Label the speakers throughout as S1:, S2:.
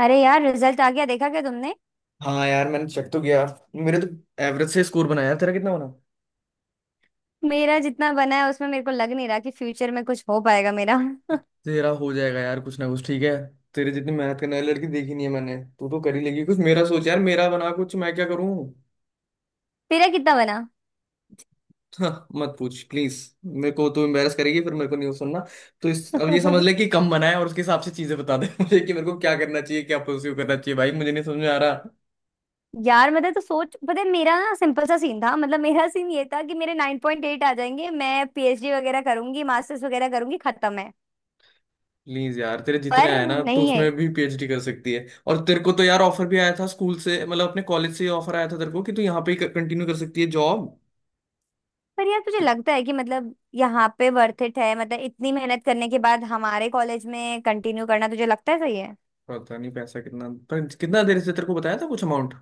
S1: अरे यार रिजल्ट आ गया। देखा क्या तुमने?
S2: हाँ यार, मैंने चेक तो किया। मेरे तो एवरेज से स्कोर बनाया। तेरा कितना बना?
S1: मेरा जितना बना है उसमें मेरे को लग नहीं रहा कि फ्यूचर में कुछ हो पाएगा मेरा।
S2: तेरा हो जाएगा यार, कुछ ना कुछ ठीक है। तेरे जितनी मेहनत करने वाली लड़की देखी नहीं है मैंने। तू तो कर ही लेगी कुछ। मेरा सोच यार, मेरा बना कुछ? मैं क्या करूँ?
S1: तेरा कितना बना?
S2: हाँ, मत पूछ प्लीज। मेरे को तो एम्बेरस करेगी, फिर मेरे को नहीं सुनना। तो इस अब ये समझ ले कि कम बनाए और उसके हिसाब से चीजें बता दे। मुझे कि मेरे को क्या करना चाहिए, क्या प्रोसीव करना चाहिए भाई। मुझे नहीं समझ में आ रहा।
S1: यार मतलब तो सोच, पता है मेरा ना, सिंपल सा सीन था। मतलब मेरा सीन ये था कि मेरे 9.8 आ जाएंगे, मैं पीएचडी वगैरह करूंगी, मास्टर्स वगैरह करूंगी, खत्म है।
S2: प्लीज यार, तेरे जितने
S1: पर
S2: आए ना तो
S1: नहीं है।
S2: उसमें भी पीएचडी कर सकती है। और तेरे को तो यार ऑफर भी आया था स्कूल से, मतलब अपने कॉलेज से ऑफर आया था तेरे को कि तू यहाँ पे ही कंटिन्यू कर सकती है जॉब।
S1: पर यार तुझे लगता है कि मतलब यहाँ पे वर्थ इट है? मतलब इतनी मेहनत करने के बाद हमारे कॉलेज में कंटिन्यू करना, तुझे लगता है सही है?
S2: पता नहीं पैसा कितना पर कितना, देर से तेरे को बताया था कुछ अमाउंट।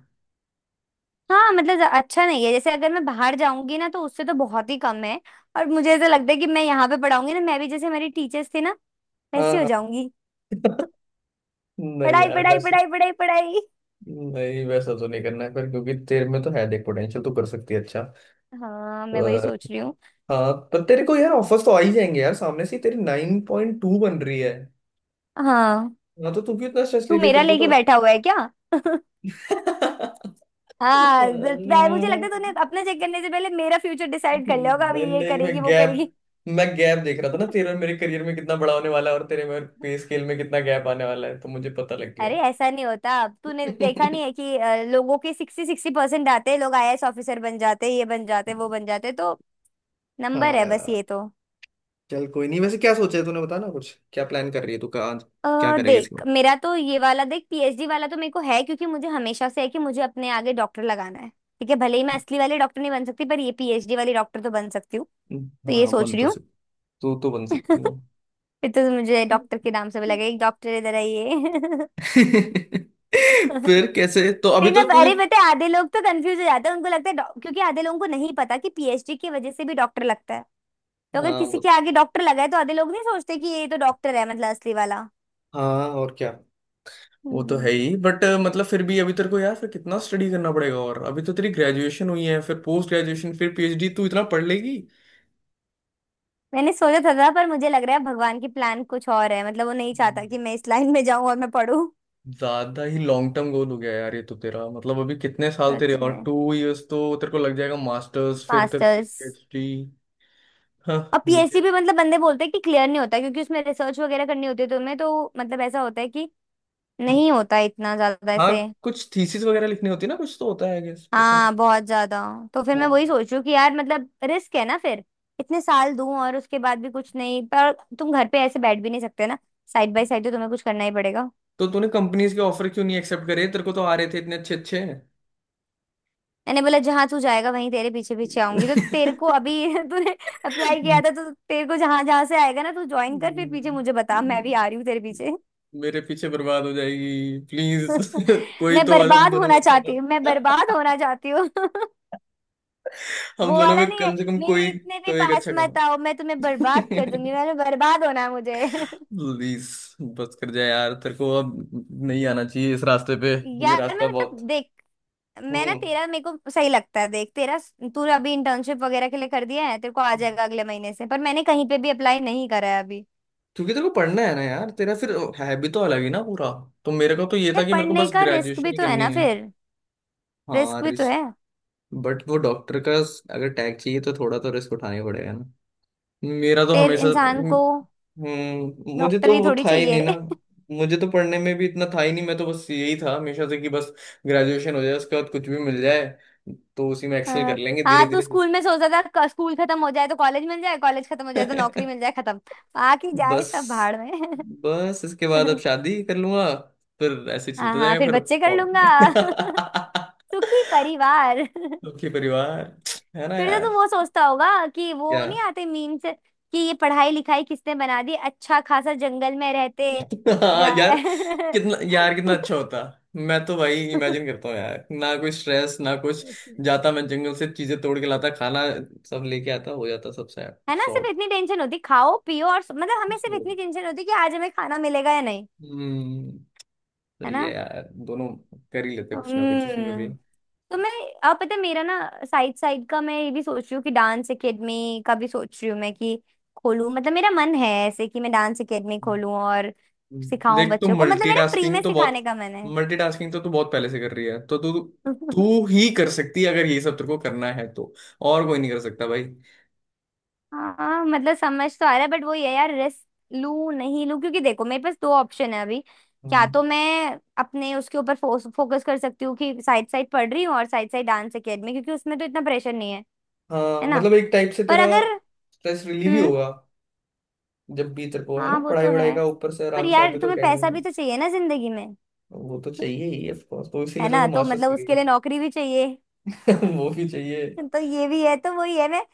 S1: हाँ, मतलब अच्छा नहीं है। जैसे अगर मैं बाहर जाऊंगी ना तो उससे तो बहुत ही कम है। और मुझे ऐसा लगता है कि मैं यहाँ पे पढ़ाऊंगी ना, मैं भी जैसे मेरी टीचर्स थी ना
S2: हाँ
S1: वैसी हो
S2: हाँ।
S1: जाऊंगी।
S2: नहीं
S1: पढ़ाई
S2: यार
S1: पढ़ाई
S2: वैसा।
S1: पढ़ाई पढ़ाई पढ़ाई।
S2: नहीं, वैसा तो नहीं करना है पर क्योंकि तेरे में तो है देख पोटेंशियल, तू कर सकती है अच्छा।
S1: हाँ मैं वही
S2: पर
S1: सोच रही हूँ।
S2: हाँ, पर तेरे को यार ऑफर्स तो आ ही जाएंगे यार सामने से ही। तेरी 9.2 बन रही है।
S1: हाँ
S2: हाँ, तो तू क्यों इतना स्ट्रेस
S1: तू
S2: ले लिया
S1: मेरा
S2: तेरे को?
S1: लेके बैठा हुआ है क्या? हाँ, मुझे लगता है
S2: तो।
S1: तूने अपना चेक करने से पहले मेरा फ्यूचर डिसाइड कर लिया होगा अब
S2: नहीं
S1: ये
S2: नहीं,
S1: करेगी वो करेगी।
S2: मैं गैप देख रहा था ना तेरे और मेरे करियर में कितना बड़ा होने वाला है, और तेरे में पे स्केल में कितना गैप आने वाला है, तो मुझे पता लग
S1: अरे
S2: गया।
S1: ऐसा नहीं होता। अब तूने देखा नहीं है कि लोगों के सिक्सटी सिक्सटी परसेंट आते हैं, लोग आईएएस ऑफिसर बन जाते हैं, ये बन जाते हैं, वो बन जाते हैं। तो
S2: हाँ
S1: नंबर है बस
S2: यार।
S1: ये तो।
S2: चल कोई नहीं, वैसे क्या सोचा है तूने? बता ना कुछ, क्या प्लान कर रही है तू? कहाँ
S1: अ
S2: क्या करेगी इसके
S1: देख
S2: बाद?
S1: मेरा तो ये वाला देख, पीएचडी वाला तो मेरे को है क्योंकि मुझे हमेशा से है कि मुझे अपने आगे डॉक्टर लगाना है। ठीक है, भले ही मैं असली वाले डॉक्टर नहीं बन सकती, पर ये पीएचडी वाली डॉक्टर तो बन सकती हूँ। तो ये
S2: हाँ
S1: सोच
S2: बन
S1: रही
S2: तो
S1: हूँ।
S2: सकती। तू तो बन सकती है।
S1: फिर तो मुझे डॉक्टर के नाम से भी लगे, एक डॉक्टर इधर आइए।
S2: फिर कैसे, तो अभी
S1: फिर ना,
S2: तो तूने।
S1: अरे पता है आधे लोग तो कंफ्यूज हो जाते हैं, उनको लगता है क्योंकि आधे लोगों को नहीं पता कि पीएचडी की वजह से भी डॉक्टर लगता है। तो अगर
S2: हाँ
S1: किसी
S2: वो।
S1: के आगे डॉक्टर लगा है तो आधे लोग नहीं सोचते कि ये तो डॉक्टर है, मतलब असली वाला।
S2: हाँ और क्या। वो तो
S1: हम्म।
S2: है ही बट मतलब फिर भी, अभी तेरे को यार फिर कितना स्टडी करना पड़ेगा। और अभी तो तेरी ग्रेजुएशन हुई है, फिर पोस्ट ग्रेजुएशन, फिर पीएचडी, तू इतना पढ़ लेगी?
S1: मैंने सोचा था पर मुझे लग रहा है भगवान की प्लान कुछ और है। मतलब वो नहीं चाहता कि मैं इस लाइन में जाऊं और मैं पढूं।
S2: ज्यादा ही लॉन्ग टर्म गोल हो गया यार ये तो तेरा, मतलब अभी कितने साल तेरे
S1: सच
S2: और।
S1: में?
S2: 2 इयर्स तो तेरे को लग जाएगा मास्टर्स, फिर तेरे को
S1: मास्टर्स
S2: पीएचडी। हाँ
S1: और पीएससी
S2: बुढ़े।
S1: भी, मतलब बंदे बोलते हैं कि क्लियर नहीं होता, क्योंकि उसमें रिसर्च वगैरह करनी होती है तुम्हें तो, मतलब ऐसा होता है कि नहीं होता इतना ज्यादा
S2: हाँ,
S1: ऐसे।
S2: कुछ थीसिस वगैरह लिखनी होती है ना, कुछ तो होता है गेस पता नहीं।
S1: हाँ बहुत ज्यादा। तो फिर मैं
S2: हाँ
S1: वही सोच रही हूँ कि यार मतलब रिस्क है ना फिर, इतने साल दूं और उसके बाद भी कुछ नहीं पर। तुम घर पे ऐसे बैठ भी नहीं सकते ना। साइड बाय साइड तो तुम्हें कुछ करना ही पड़ेगा।
S2: तो तूने कंपनीज के ऑफर क्यों नहीं एक्सेप्ट करे? तेरे को तो आ रहे थे इतने अच्छे अच्छे।
S1: मैंने बोला जहां तू जाएगा वहीं तेरे पीछे पीछे आऊंगी। तो तेरे को अभी तूने अप्लाई किया था तो तेरे को जहां जहां से आएगा ना तू ज्वाइन कर, फिर पीछे
S2: हम्म,
S1: मुझे बता मैं भी आ रही हूँ तेरे पीछे।
S2: मेरे पीछे बर्बाद हो जाएगी प्लीज। कोई
S1: मैं
S2: तो हम
S1: बर्बाद
S2: दोनों
S1: होना
S2: में अच्छा
S1: चाहती हूँ, मैं बर्बाद
S2: काम।
S1: होना चाहती हूँ। वो
S2: हम दोनों
S1: वाला
S2: में
S1: नहीं है।
S2: कम से कम
S1: मेरे
S2: कोई
S1: इतने
S2: तो
S1: भी
S2: एक
S1: पास
S2: अच्छा
S1: मत
S2: काम।
S1: आओ, मैं तुम्हें बर्बाद कर दूंगी, मैंने बर्बाद होना है मुझे।
S2: प्लीज बस कर जाए यार तेरे को। अब नहीं आना चाहिए इस रास्ते पे। ये
S1: यार मैं
S2: रास्ता
S1: मतलब
S2: बहुत।
S1: देख, मैं ना
S2: हम्म
S1: तेरा मेरे को सही लगता है देख तेरा। तूने अभी इंटर्नशिप वगैरह के लिए कर दिया है, तेरे को आ जाएगा अगले महीने से, पर मैंने कहीं पे भी अप्लाई नहीं करा है अभी।
S2: क्योंकि तेरे को पढ़ना है ना यार, तेरा फिर है भी तो अलग ही ना पूरा। तो मेरे को तो ये था
S1: यार
S2: कि मेरे को
S1: पढ़ने
S2: बस
S1: का रिस्क भी
S2: ग्रेजुएशन ही
S1: तो है
S2: करनी
S1: ना
S2: है।
S1: फिर।
S2: हाँ
S1: रिस्क भी तो
S2: रिस्क।
S1: है।
S2: बट वो डॉक्टर का अगर टैग चाहिए तो थोड़ा तो रिस्क उठाना ही पड़ेगा। मेरा तो
S1: फिर
S2: हमेशा
S1: इंसान को
S2: मुझे तो
S1: डॉक्टरी
S2: वो
S1: थोड़ी
S2: था ही नहीं ना।
S1: चाहिए।
S2: मुझे तो पढ़ने में भी इतना था ही नहीं, मैं तो बस यही था हमेशा से कि बस ग्रेजुएशन हो जाए, उसके बाद कुछ भी मिल जाए तो उसी में एक्सेल कर
S1: हाँ,
S2: लेंगे धीरे
S1: हाँ, तू
S2: धीरे।
S1: स्कूल में सोचता था स्कूल खत्म हो जाए तो कॉलेज मिल जाए, कॉलेज खत्म हो जाए तो नौकरी मिल जाए, खत्म। आके जाए
S2: बस
S1: सब भाड़ में।
S2: बस, इसके बाद अब शादी कर लूंगा। फिर ऐसे ही
S1: हाँ
S2: चलता
S1: हाँ
S2: जाएगा।
S1: फिर
S2: फिर
S1: बच्चे कर लूंगा।
S2: कौन?
S1: सुखी परिवार।
S2: दुखी परिवार। है ना
S1: फिर तो तू
S2: यार?
S1: वो सोचता होगा कि वो
S2: क्या?
S1: नहीं आते मीम से कि ये पढ़ाई लिखाई किसने बना दी, अच्छा खासा जंगल में रहते
S2: हाँ
S1: जा।
S2: यार, कितना यार कितना अच्छा होता। मैं तो भाई इमेजिन करता हूँ यार, ना कोई स्ट्रेस ना कुछ।
S1: अच्छा।
S2: जाता मैं जंगल से चीजें तोड़ के लाता खाना, सब लेके आता, हो जाता सबसे।
S1: है ना, सिर्फ
S2: सॉर्ट
S1: इतनी टेंशन होती, खाओ पियो, और मतलब हमें सिर्फ
S2: तो।
S1: इतनी टेंशन होती कि आज हमें खाना मिलेगा या नहीं।
S2: हम्म
S1: है
S2: सही
S1: ना।
S2: है यार दोनों। कर ही लेते कुछ ना कुछ उसमें भी।
S1: हम्म। तो मैं अब पता है मेरा ना, साइड साइड का मैं ये भी सोच रही हूँ कि डांस एकेडमी का भी सोच रही हूँ मैं, कि खोलूँ। मतलब मेरा मन है ऐसे कि मैं डांस एकेडमी खोलूँ और सिखाऊं
S2: देख तू
S1: बच्चों को। मतलब मेरा फ्री में सिखाने का मन है।
S2: मल्टीटास्किंग तो तू बहुत पहले से कर रही है। तो तू तू ही कर सकती है अगर ये सब तेरे को करना है। तो और कोई नहीं कर सकता भाई।
S1: हाँ मतलब समझ तो आ रहा है बट वो ये यार रिस्क लूं नहीं लूं क्योंकि देखो मेरे पास दो ऑप्शन है अभी। क्या, तो मैं अपने उसके ऊपर फोकस कर सकती हूँ कि साइड साइड पढ़ रही हूँ और साइड साइड डांस एकेडमी, क्योंकि उसमें तो इतना प्रेशर नहीं है।
S2: हाँ,
S1: है ना?
S2: मतलब एक टाइप से
S1: पर
S2: तेरा
S1: अगर,
S2: स्ट्रेस रिलीव ही
S1: हम्म,
S2: होगा। जब भी तेरे को है
S1: हाँ
S2: ना
S1: वो
S2: पढ़ाई
S1: तो
S2: वढ़ाई
S1: है।
S2: का, ऊपर से
S1: पर
S2: आराम से
S1: यार
S2: आके तो
S1: तुम्हें
S2: एकेडमी
S1: पैसा
S2: में।
S1: भी तो चाहिए ना जिंदगी में।
S2: वो तो चाहिए ही ऑफ कोर्स, तो
S1: है
S2: इसीलिए तो,
S1: ना?
S2: तो
S1: तो
S2: मास्टर्स
S1: मतलब उसके
S2: करेगी।
S1: लिए नौकरी भी चाहिए।
S2: वो भी चाहिए।
S1: तो ये भी है तो वही है, मैं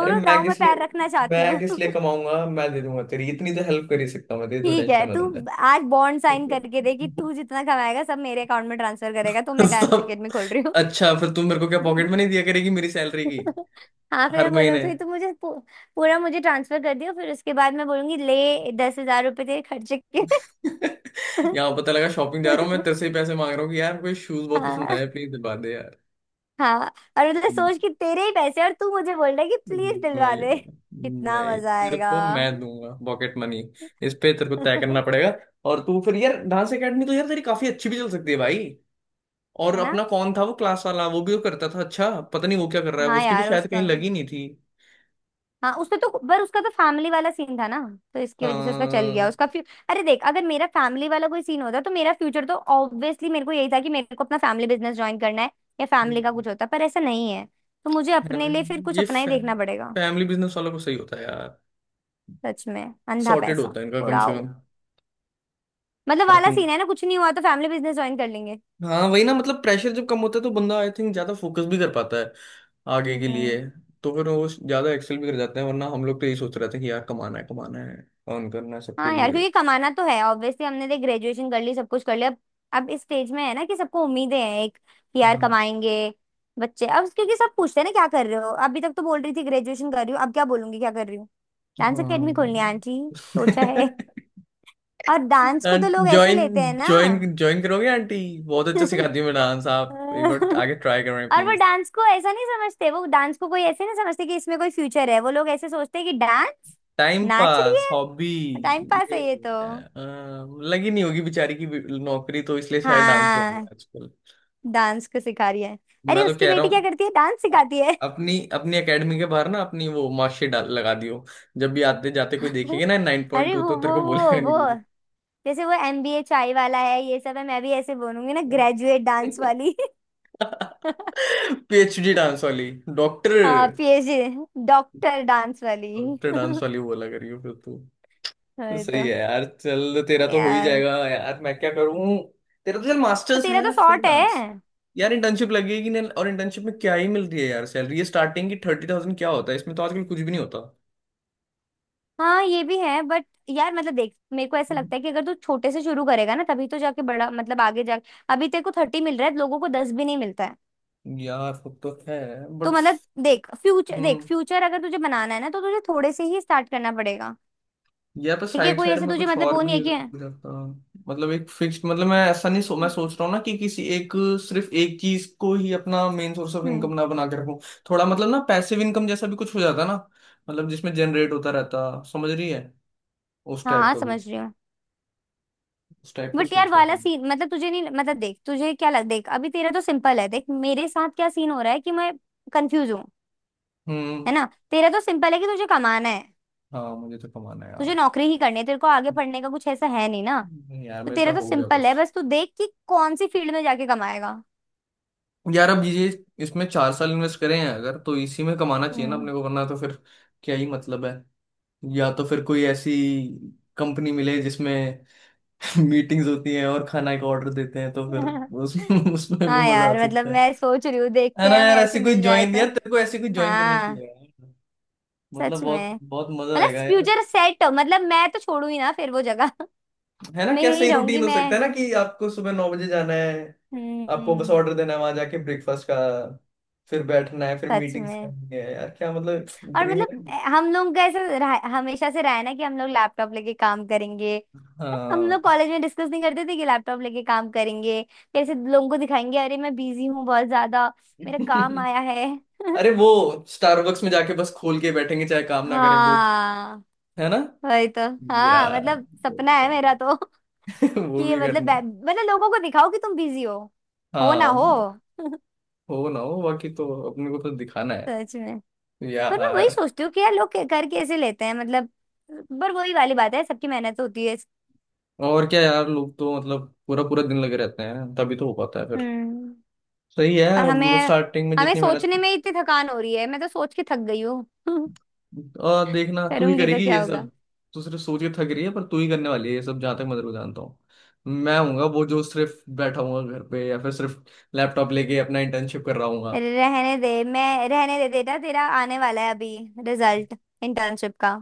S2: अरे
S1: दांव में पैर रखना चाहती
S2: मैं
S1: हूँ।
S2: किस लिए कमाऊंगा? मैं दे दूंगा, तेरी इतनी तो हेल्प कर ही सकता हूँ मैं। तेरी जो
S1: ठीक है,
S2: टेंशन में
S1: तू
S2: रहता है।
S1: आज बॉन्ड साइन
S2: ठीक
S1: करके दे कि तू जितना कमाएगा सब मेरे अकाउंट में ट्रांसफर करेगा तो
S2: है।
S1: मैं डांस
S2: सब।
S1: अकेडमी खोल रही हूँ।
S2: अच्छा, फिर तुम मेरे को क्या पॉकेट में नहीं दिया करेगी मेरी सैलरी की
S1: हाँ फिर
S2: हर
S1: मैं बोलूँ,
S2: महीने?
S1: फिर तू मुझे पूरा मुझे ट्रांसफर कर दियो, फिर उसके बाद मैं बोलूंगी ले 10,000 रुपये तेरे खर्चे के।
S2: यहाँ पता लगा, शॉपिंग जा रहा हूँ मैं, तेरे से ही पैसे मांग रहा हूँ कि यार कोई शूज बहुत पसंद
S1: हाँ,
S2: आया, प्लीज दिलवा दे यार।
S1: हाँ, और मतलब सोच कि तेरे ही पैसे और तू मुझे बोल रहा है कि प्लीज दिलवा
S2: भाई,
S1: दे। कितना
S2: भाई
S1: मजा
S2: तेरे
S1: आएगा।
S2: को मैं दूंगा पॉकेट मनी। इस पे तेरे को तय करना पड़ेगा। और तू फिर यार डांस एकेडमी तो यार तेरी काफी अच्छी भी चल सकती है भाई। और
S1: है ना।
S2: अपना कौन था वो क्लास वाला, वो भी वो करता था अच्छा, पता नहीं वो क्या कर रहा है वो,
S1: हाँ
S2: उसकी भी
S1: यार
S2: शायद
S1: उसका,
S2: कहीं लगी नहीं थी।
S1: हाँ उसने तो, पर उसका तो फैमिली वाला सीन था ना, तो इसकी वजह से उसका चल
S2: हाँ
S1: गया। उसका अरे देख, अगर मेरा फैमिली वाला कोई सीन होता तो मेरा फ्यूचर तो ऑब्वियसली मेरे को यही था कि मेरे को अपना फैमिली बिजनेस ज्वाइन करना है, या फैमिली का
S2: हम्म,
S1: कुछ होता, पर ऐसा नहीं है। तो मुझे
S2: है ना
S1: अपने लिए फिर कुछ
S2: ये
S1: अपना ही देखना पड़ेगा।
S2: फैमिली बिजनेस वालों को सही होता है यार।
S1: सच में, अंधा
S2: सॉर्टेड
S1: पैसा
S2: होता है इनका कम से
S1: उड़ाओ।
S2: कम
S1: मतलब वाला
S2: अपने।
S1: सीन है ना, कुछ नहीं हुआ तो फैमिली बिजनेस ज्वाइन कर लेंगे।
S2: हाँ वही ना, मतलब प्रेशर जब कम होता है तो बंदा आई थिंक ज्यादा फोकस भी कर पाता है आगे के लिए।
S1: हम्म।
S2: तो फिर वो ज्यादा एक्सेल भी कर जाते हैं वरना हम लोग तो यही सोच रहे थे कि यार कमाना है कमाना है, अर्न करना है सबके
S1: हाँ यार,
S2: लिए।
S1: क्योंकि कमाना तो है ऑब्वियसली। हमने देख ग्रेजुएशन कर ली, सब कुछ कर लिया। अब इस स्टेज में है ना कि सबको उम्मीदें हैं एक कि यार
S2: हाँ
S1: कमाएंगे बच्चे अब, क्योंकि सब पूछते हैं ना क्या कर रहे हो, अभी तक तो बोल रही थी ग्रेजुएशन कर रही हूँ, अब क्या बोलूंगी क्या कर रही हूँ, डांस एकेडमी
S2: हाँ।
S1: खोलनी है आंटी। सोचा है। और डांस
S2: हाँ,
S1: को तो लोग ऐसे
S2: ज्वाइन
S1: लेते हैं ना।
S2: ज्वाइन ज्वाइन करोगे आंटी? बहुत अच्छा सिखाती है मैं डांस, आप एक बार आगे ट्राई करें
S1: और वो
S2: प्लीज।
S1: डांस को ऐसा नहीं समझते, वो डांस को कोई ऐसे नहीं समझते कि इसमें कोई फ्यूचर है। वो लोग ऐसे सोचते हैं कि डांस
S2: टाइम
S1: नाच रही
S2: पास हॉबी।
S1: है, टाइम पास
S2: ये
S1: है ये तो।
S2: अ, लगी नहीं होगी बेचारी की नौकरी, तो इसलिए शायद डांस कर रही है
S1: हाँ,
S2: आजकल।
S1: डांस को सिखा रही है। अरे
S2: मैं तो
S1: उसकी
S2: कह रहा
S1: बेटी क्या
S2: हूँ,
S1: करती है? डांस सिखाती है।
S2: अपनी अपनी एकेडमी के बाहर ना अपनी वो मार्कशीट डाल लगा दियो। जब भी आते जाते कोई देखेगा ना नाइन पॉइंट
S1: अरे
S2: टू
S1: वो
S2: तो तेरे
S1: वो
S2: को
S1: वो
S2: बोलेगा नहीं
S1: वो
S2: कुछ।
S1: जैसे वो एमबीए चाय वाला है, ये सब है, मैं भी ऐसे बोलूंगी ना, ग्रेजुएट डांस वाली।
S2: पीएचडी डांस वाली। डॉक्टर
S1: हाँ पीएचडी डॉक्टर डांस वाली।
S2: डॉक्टर डांस वाली वो लग रही हो फिर तू। तो
S1: वही
S2: सही
S1: तो।
S2: है यार, चल तेरा तो हो ही
S1: यार
S2: जाएगा यार। मैं क्या करूं? तेरा तो चल
S1: तो
S2: मास्टर्स
S1: तेरा तो
S2: है फिर
S1: शॉर्ट है।
S2: डांस। यार इंटर्नशिप लगेगी ना, और इंटर्नशिप में क्या ही मिलती है यार सैलरी, ये स्टार्टिंग की 30,000 क्या होता है, इसमें तो आजकल कुछ भी नहीं होता।
S1: हाँ ये भी है बट यार मतलब देख, मेरे को ऐसा लगता है कि अगर तू छोटे से शुरू करेगा ना तभी तो जाके बड़ा, मतलब आगे जाके, अभी तेरे को 30 मिल रहा है, लोगों को 10 भी नहीं मिलता।
S2: यार वो तो है
S1: तो
S2: बट,
S1: मतलब देख फ्यूचर, देख फ्यूचर अगर तुझे बनाना है ना तो तुझे थोड़े से ही स्टार्ट करना पड़ेगा।
S2: या पर
S1: ठीक है
S2: साइड
S1: कोई
S2: साइड
S1: ऐसे
S2: में
S1: तुझे
S2: कुछ
S1: मतलब वो
S2: और
S1: नहीं
S2: भी
S1: है कि, हम्म।
S2: रहता। मतलब एक फिक्स्ड, मतलब मैं ऐसा नहीं, मैं सोच रहा हूँ ना कि किसी एक, सिर्फ एक चीज को ही अपना main source of
S1: hmm.
S2: Income ना बना के रखूं। थोड़ा मतलब ना पैसिव इनकम जैसा भी कुछ हो जाता ना, मतलब जिसमें जनरेट होता रहता, समझ रही है? उस
S1: हाँ,
S2: टाइप
S1: हाँ,
S2: का
S1: समझ
S2: कुछ,
S1: रही हूँ।
S2: उस टाइप का
S1: बट यार
S2: सोच रहा था
S1: वाला
S2: मैं।
S1: सीन, मतलब तुझे नहीं मतलब देख तुझे क्या लग, देख अभी तेरा तो सिंपल है, देख मेरे साथ क्या सीन हो रहा है कि मैं कंफ्यूज हूँ। है
S2: हम्म।
S1: ना। तेरा तो सिंपल है कि तुझे कमाना है।
S2: हाँ, मुझे तो कमाना है
S1: तुझे
S2: यार।
S1: नौकरी ही करनी है, तेरे को आगे पढ़ने का कुछ ऐसा है नहीं ना।
S2: नहीं यार,
S1: तो
S2: मेरे
S1: तेरा
S2: साथ
S1: तो
S2: हो गया
S1: सिंपल
S2: बस।
S1: है, बस तू देख कि कौन सी फील्ड में जाके कमाएगा।
S2: यार अब ये, इसमें 4 साल इन्वेस्ट करें हैं अगर तो इसी में कमाना चाहिए ना
S1: हम्म।
S2: अपने को वरना तो फिर क्या ही मतलब है। या तो फिर कोई ऐसी कंपनी मिले जिसमें मीटिंग्स होती हैं और खाना का ऑर्डर देते हैं, तो फिर उस उसमें भी
S1: हाँ
S2: मजा आ
S1: यार मतलब
S2: सकता है।
S1: मैं सोच रही हूँ,
S2: है
S1: देखते
S2: ना
S1: हैं हमें
S2: यार?
S1: ऐसी
S2: ऐसी कोई
S1: मिल जाए
S2: ज्वाइन
S1: तो।
S2: यार तेरे को ऐसी कोई ज्वाइन करने की
S1: हाँ,
S2: है। मतलब
S1: सच
S2: बहुत
S1: में,
S2: बहुत मजा
S1: मतलब
S2: आएगा यार।
S1: Future set. मतलब मैं तो छोड़ू ही ना फिर वो जगह।
S2: है ना?
S1: मैं
S2: क्या
S1: यही
S2: सही
S1: रहूंगी
S2: रूटीन हो सकता है
S1: मैं।
S2: ना कि आपको सुबह 9 बजे जाना है, आपको बस
S1: हम्म।
S2: ऑर्डर देना है वहां जाके ब्रेकफास्ट का, फिर बैठना है, फिर
S1: सच
S2: मीटिंग्स
S1: में,
S2: करनी है यार क्या मतलब।
S1: और
S2: ड्रीम
S1: मतलब
S2: लाइफ।
S1: हम लोग का ऐसा हमेशा से रहा है ना कि हम लोग लैपटॉप लेके काम करेंगे। हम लोग
S2: हाँ।
S1: कॉलेज में डिस्कस नहीं करते थे कि लैपटॉप लेके काम करेंगे, कैसे लोगों को दिखाएंगे अरे मैं बिजी हूँ बहुत ज्यादा, मेरा काम आया है।
S2: अरे वो, स्टारबक्स में जाके बस खोल के बैठेंगे चाहे काम ना करें कुछ।
S1: हाँ
S2: है ना
S1: वही तो। हाँ
S2: यार,
S1: मतलब
S2: वो
S1: सपना
S2: भी
S1: है
S2: करना
S1: मेरा तो।
S2: है।
S1: कि
S2: वो
S1: ये
S2: भी
S1: मतलब
S2: करना है।
S1: मतलब लोगों को दिखाओ कि तुम बिजी हो ना
S2: हाँ
S1: हो।
S2: हो ना हो, बाकी तो अपने को तो दिखाना
S1: सच
S2: है
S1: में। पर मैं वही
S2: यार।
S1: सोचती हूँ कि यार लोग कर कैसे लेते हैं मतलब। पर वही वाली बात है, सबकी मेहनत होती है।
S2: और क्या यार, लोग तो मतलब पूरा पूरा दिन लगे रहते हैं, तभी तो हो पाता है फिर।
S1: हम्म।
S2: सही
S1: और
S2: है,
S1: हमें,
S2: स्टार्टिंग में
S1: हमें
S2: जितनी मेहनत।
S1: सोचने में ही इतनी थकान हो रही है, मैं तो सोच के थक गई हूँ।
S2: और देखना, तू ही
S1: करूंगी तो
S2: करेगी
S1: क्या
S2: ये
S1: होगा?
S2: सब। तू सिर्फ सोच के थक रही है पर तू ही करने वाली है ये सब, जहाँ तक मैं तेरे को जानता हूँ। मैं हूँगा वो जो सिर्फ बैठा हूँ घर पे, या फिर सिर्फ लैपटॉप लेके अपना इंटर्नशिप कर रहा हूँ।
S1: रहने दे मैं, रहने दे बेटा, तेरा आने वाला है अभी रिजल्ट इंटर्नशिप का।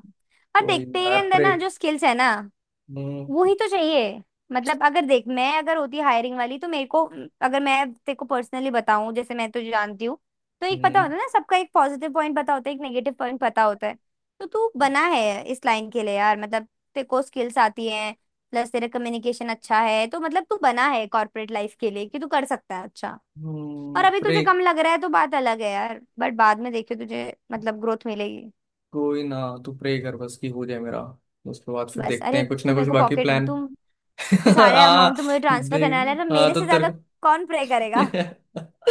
S1: और
S2: तो
S1: देखते ही
S2: यार
S1: अंदर
S2: प्रे,
S1: ना जो स्किल्स है ना,
S2: हम्म
S1: वो ही तो चाहिए। मतलब अगर देख, मैं अगर होती हायरिंग वाली तो मेरे को, अगर मैं तेरे को पर्सनली बताऊं जैसे मैं तो जानती हूँ, तो एक पता होता है ना सबका, एक पॉजिटिव पॉइंट पता होता है, एक नेगेटिव पॉइंट पता होता है। तो तू बना है इस लाइन के लिए यार, मतलब तेरे को स्किल्स आती हैं, प्लस तेरा कम्युनिकेशन अच्छा है, तो मतलब तू बना है कॉर्पोरेट लाइफ के लिए कि तू कर सकता है अच्छा। और अभी
S2: प्रे।
S1: तुझे कम लग रहा है तो बात अलग है यार बट बाद में देखियो तुझे मतलब ग्रोथ मिलेगी।
S2: कोई ना, तू प्रे कर बस कि हो जाए मेरा, उसके बाद फिर
S1: बस
S2: देखते
S1: अरे
S2: हैं कुछ
S1: तू
S2: ना
S1: मेरे
S2: कुछ
S1: को
S2: बाकी
S1: पॉकेट,
S2: प्लान।
S1: तुम तो सारे
S2: हाँ
S1: अमाउंट तो मुझे ट्रांसफर करने
S2: देख।
S1: वाला है तो
S2: हाँ
S1: मेरे
S2: तो
S1: से
S2: तेरे
S1: ज्यादा
S2: को।
S1: कौन प्रे करेगा?
S2: हाँ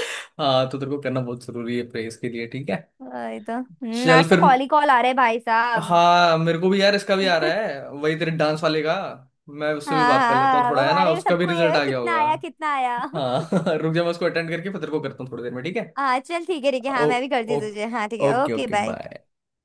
S2: तो तेरे को करना बहुत जरूरी है प्रेस के लिए, ठीक है।
S1: वही तो। हम्म।
S2: चल
S1: आज तो
S2: फिर।
S1: कॉल ही कॉल आ रहे हैं भाई साहब।
S2: हाँ मेरे को भी यार इसका भी आ रहा है, वही तेरे डांस वाले का। मैं उससे भी
S1: हाँ
S2: बात कर लेता हूँ
S1: हाँ,
S2: थोड़ा,
S1: वो,
S2: है ना,
S1: अरे
S2: उसका भी
S1: सबको ये
S2: रिजल्ट
S1: है
S2: आ गया
S1: कितना
S2: होगा।
S1: आया कितना आया।
S2: हाँ। रुक जा, मैं उसको अटेंड करके फिर तेरे को करता हूँ थोड़ी देर में ठीक है।
S1: हाँ चल, ठीक है, ठीक है, हाँ
S2: ओ।
S1: मैं भी करती
S2: ओ।
S1: हूँ तुझे, हाँ ठीक है,
S2: okay
S1: okay
S2: okay,
S1: bye.
S2: Bye.